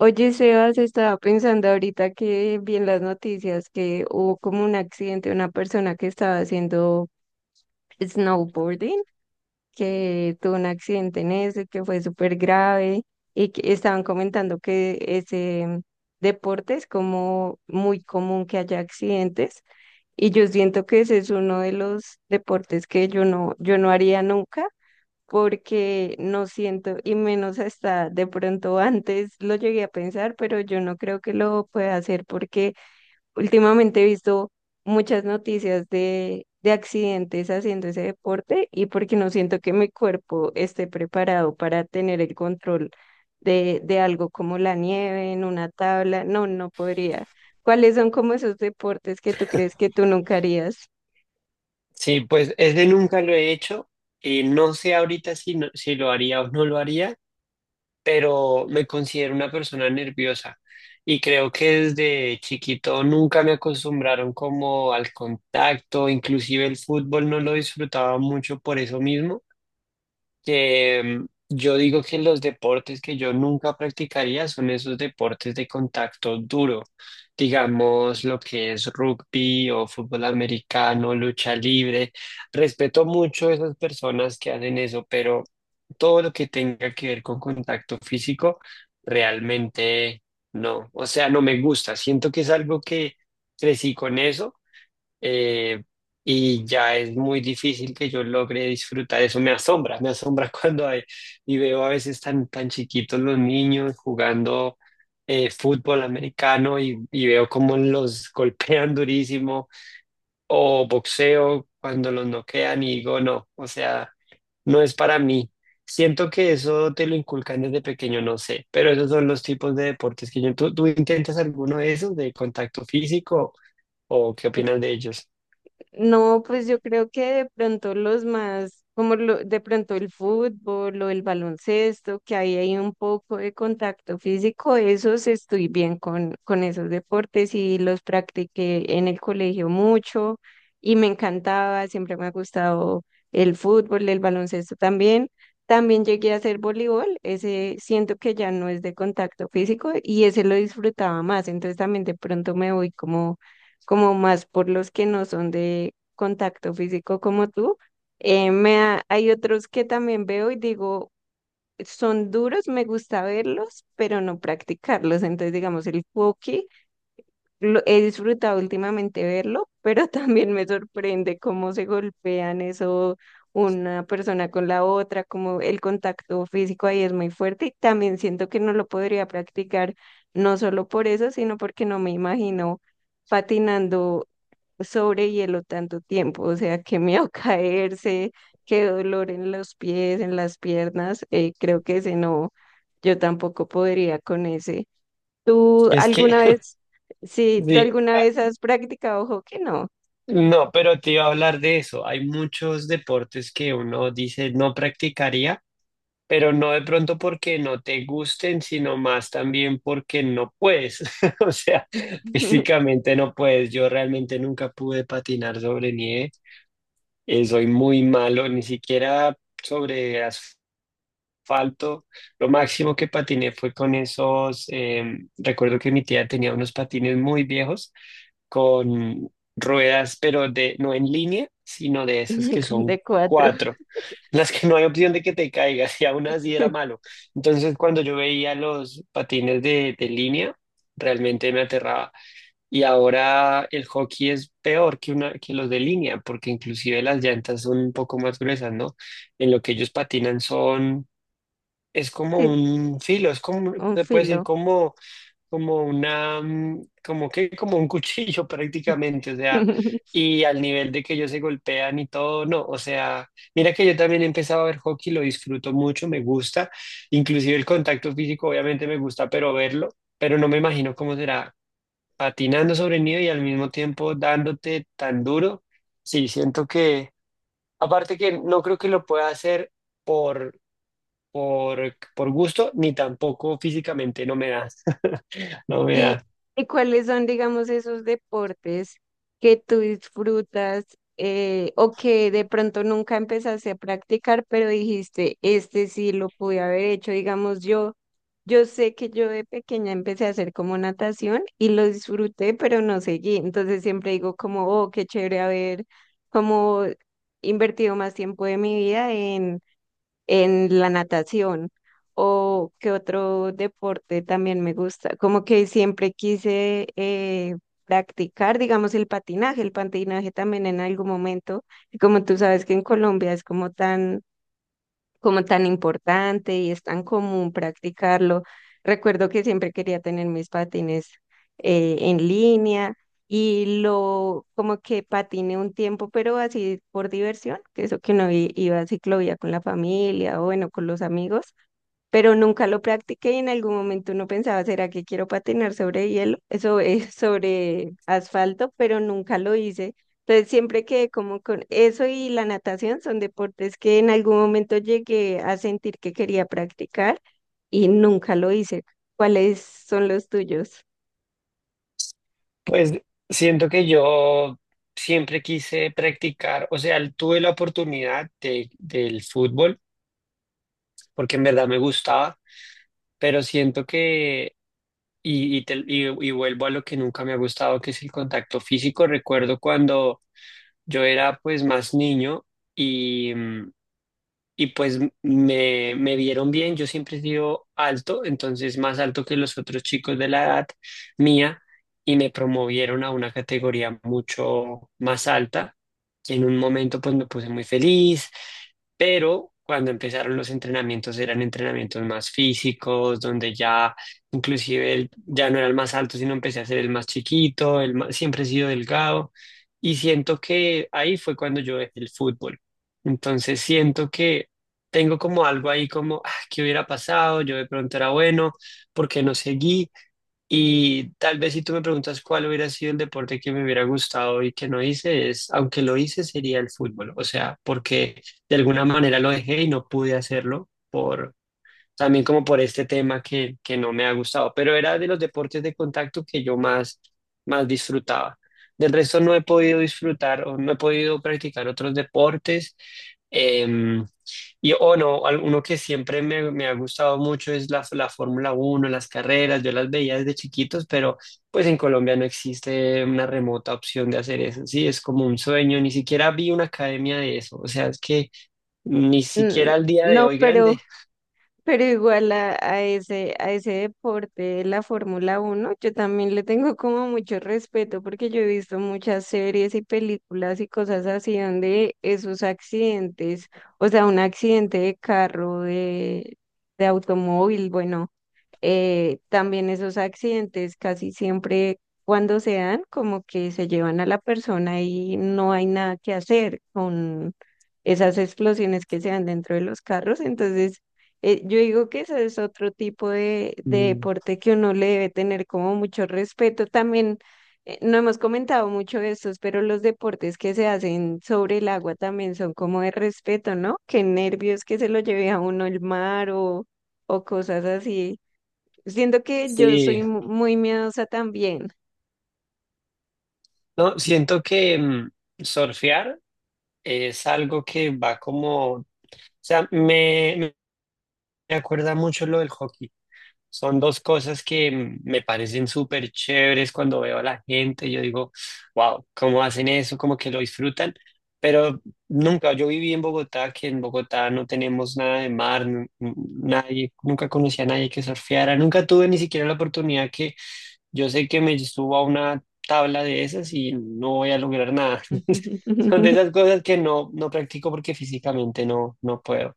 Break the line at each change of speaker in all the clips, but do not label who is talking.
Oye, Sebas, estaba pensando ahorita que vi en las noticias que hubo como un accidente, una persona que estaba haciendo snowboarding, que tuvo un accidente en ese, que fue súper grave y que estaban comentando que ese deporte es como muy común que haya accidentes y yo siento que ese es uno de los deportes que yo no, yo no haría nunca porque no siento, y menos hasta de pronto antes lo llegué a pensar, pero yo no creo que lo pueda hacer porque últimamente he visto muchas noticias de accidentes haciendo ese deporte y porque no siento que mi cuerpo esté preparado para tener el control de algo como la nieve en una tabla, no, no podría. ¿Cuáles son como esos deportes que tú crees que tú nunca harías?
Sí, pues ese nunca lo he hecho. Y no sé ahorita si lo haría o no lo haría, pero me considero una persona nerviosa y creo que desde chiquito nunca me acostumbraron como al contacto, inclusive el fútbol no lo disfrutaba mucho por eso mismo que mm, yo digo que los deportes que yo nunca practicaría son esos deportes de contacto duro, digamos lo que es rugby o fútbol americano, lucha libre. Respeto mucho a esas personas que hacen eso, pero todo lo que tenga que ver con contacto físico, realmente no. O sea, no me gusta. Siento que es algo que crecí con eso eh, y ya es muy difícil que yo logre disfrutar eso. Me asombra y veo a veces tan, tan chiquitos los niños jugando fútbol americano y veo cómo los golpean durísimo o boxeo cuando los noquean y digo, no, o sea, no es para mí. Siento que eso te lo inculcan desde pequeño, no sé, pero esos son los tipos de deportes que yo... ¿Tú intentas alguno de esos de contacto físico o qué opinas de ellos?
No, pues yo creo que de pronto los más, como lo, de pronto el fútbol o el baloncesto, que ahí hay un poco de contacto físico, esos estoy bien con esos deportes y los practiqué en el colegio mucho y me encantaba, siempre me ha gustado el fútbol, el baloncesto también. También llegué a hacer voleibol, ese siento que ya no es de contacto físico y ese lo disfrutaba más, entonces también de pronto me voy como más por los que no son de contacto físico como tú. Hay otros que también veo y digo, son duros, me gusta verlos, pero no practicarlos. Entonces, digamos, el hockey, lo, he disfrutado últimamente verlo, pero también me sorprende cómo se golpean eso una persona con la otra, como el contacto físico ahí es muy fuerte y también siento que no lo podría practicar, no solo por eso, sino porque no me imagino patinando sobre hielo tanto tiempo, o sea, qué miedo caerse, qué dolor en los pies, en las piernas, creo que ese no, yo tampoco podría con ese. ¿Tú
Es
alguna
que
vez, sí, ¿tú
Sí,
alguna vez has practicado hockey? No,
no, pero te iba a hablar de eso. Hay muchos deportes que uno dice no practicaría, pero no de pronto porque no te gusten, sino más también porque no puedes. O sea, físicamente no puedes. Yo realmente nunca pude patinar sobre nieve. Soy muy malo, ni siquiera sobre asfalto. Lo máximo que patiné fue con recuerdo que mi tía tenía unos patines muy viejos con ruedas, pero no en línea, sino de esas que son
de cuatro,
cuatro, en las que no hay opción de que te caigas, y aún así era malo. Entonces, cuando yo veía los patines de línea, realmente me aterraba. Y ahora el hockey es peor que, una, que los de línea, porque inclusive las llantas son un poco más gruesas, ¿no? En lo que ellos patinan son, es como
sí,
un filo, es como,
un
se puede decir
filo.
como como una, mm, como que, como un cuchillo prácticamente, o sea, y al nivel de que ellos se golpean y todo, no, o sea, mira que yo también he empezado a ver hockey, lo disfruto mucho, me gusta, inclusive el contacto físico obviamente me gusta, pero verlo, pero no me imagino cómo será patinando sobre el nido y al mismo tiempo dándote tan duro, sí, siento que, aparte que no creo que lo pueda hacer por... por gusto, ni tampoco físicamente, no me da, no me
¿Y,
da.
y cuáles son, digamos, esos deportes que tú disfrutas, o que de pronto nunca empezaste a practicar, pero dijiste, este sí lo pude haber hecho? Digamos, yo sé que yo de pequeña empecé a hacer como natación y lo disfruté, pero no seguí. Entonces siempre digo como, oh, qué chévere haber como invertido más tiempo de mi vida en la natación o qué otro deporte también me gusta. Como que siempre quise, practicar, digamos, el patinaje. El patinaje también en algún momento, y como tú sabes que en Colombia es como tan importante y es tan común practicarlo. Recuerdo que siempre quería tener mis patines, en línea y lo como que patiné un tiempo, pero así por diversión, que eso que uno iba a ciclovía con la familia o bueno, con los amigos, pero nunca lo practiqué y en algún momento uno pensaba, ¿será que quiero patinar sobre hielo, sobre, sobre asfalto? Pero nunca lo hice. Entonces siempre quedé como con eso y la natación son deportes que en algún momento llegué a sentir que quería practicar y nunca lo hice. ¿Cuáles son los tuyos?
Pues siento que yo siempre quise practicar, o sea, tuve la oportunidad del fútbol, porque en verdad me gustaba, pero siento que, y vuelvo a lo que nunca me ha gustado, que es el contacto físico. Recuerdo cuando yo era pues más niño y pues me vieron bien, yo siempre he sido alto, entonces más alto que los otros chicos de la edad mía, y me promovieron a una categoría mucho más alta. Y en un momento pues me puse muy feliz, pero cuando empezaron los entrenamientos eran entrenamientos más físicos, donde ya inclusive el- ya no era el más alto, sino empecé a ser el más chiquito, el más- siempre he sido delgado, y siento que ahí fue cuando yo dejé el fútbol. Entonces siento que tengo como algo ahí como, ah, ¿qué hubiera pasado? Yo de pronto era bueno, porque no seguí? Y tal vez si tú me preguntas cuál hubiera sido el deporte que me hubiera gustado y que no hice, es, aunque lo hice, sería el fútbol. O sea, porque de alguna manera lo dejé y no pude hacerlo por, también como por este tema que no me ha gustado, pero era de los deportes de contacto que yo más, más disfrutaba. Del resto no he podido disfrutar o no he podido practicar otros deportes. em, y o no, al- uno que siempre me ha gustado mucho es la Fórmula 1 las carreras, yo las veía desde chiquitos, pero pues en Colombia no existe una remota opción de hacer eso, sí, es como un sueño, ni siquiera vi una academia de eso, o sea, es que ni
Mm.
siquiera al día de
No,
hoy
pero
grande.
Pero igual a ese deporte, la Fórmula Uno yo también le tengo como mucho respeto porque yo he visto muchas series y películas y cosas así donde esos accidentes, o sea, un accidente de carro, de automóvil, bueno, también esos accidentes casi siempre cuando se dan, como que se llevan a la persona y no hay nada que hacer con esas explosiones que se dan dentro de los carros. Entonces, yo digo que ese es otro tipo de
Mm.
deporte que uno le debe tener como mucho respeto. También, no hemos comentado mucho de estos, pero los deportes que se hacen sobre el agua también son como de respeto, ¿no? Qué nervios que se lo lleve a uno el mar o cosas así. Siento que yo soy
Sí,
muy miedosa también.
no, siento que. Surfear es algo que va como, o sea, me acuerda mucho lo del hockey. Son dos cosas que me parecen súper chéveres cuando veo a la gente. Yo digo, wow, ¿cómo hacen eso? Como que lo disfrutan. Pero nunca, yo viví en Bogotá, que en Bogotá no tenemos nada de mar, nadie, nunca conocí a nadie que surfeara, nunca tuve ni siquiera la oportunidad que yo sé que me subo a una tabla de esas y no voy a lograr nada. Son de esas cosas que no, no practico porque físicamente no, no puedo.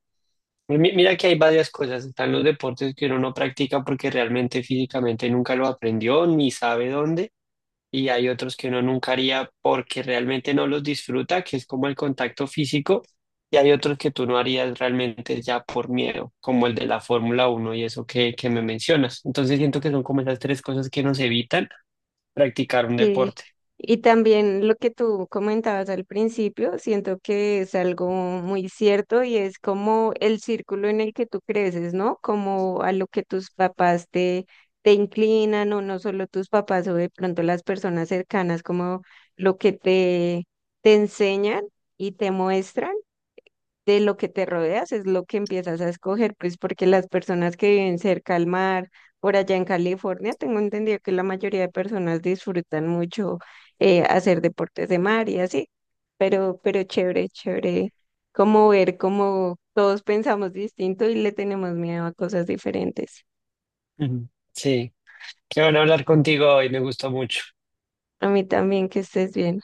Mira que hay varias cosas. Están los deportes que uno no practica porque realmente físicamente nunca lo aprendió ni sabe dónde. Y hay otros que uno nunca haría porque realmente no los disfruta, que es como el contacto físico. Y hay otros que tú no harías realmente ya por miedo, como el de la Fórmula 1 y eso que me mencionas. Entonces siento que son como esas tres cosas que nos evitan practicar un
Sí.
deporte.
Y también lo que tú comentabas al principio, siento que es algo muy cierto y es como el círculo en el que tú creces, ¿no? Como a lo que tus papás te inclinan o no solo tus papás o de pronto las personas cercanas, como lo que te enseñan y te muestran, de lo que te rodeas es lo que empiezas a escoger, pues porque las personas que viven cerca al mar, por allá en California, tengo entendido que la mayoría de personas disfrutan mucho, hacer deportes de mar y así, pero chévere, chévere, como ver cómo todos pensamos distinto y le tenemos miedo a cosas diferentes.
Ujú. Sí, qué bueno hablar contigo hoy, me gustó mucho.
A mí también, que estés bien.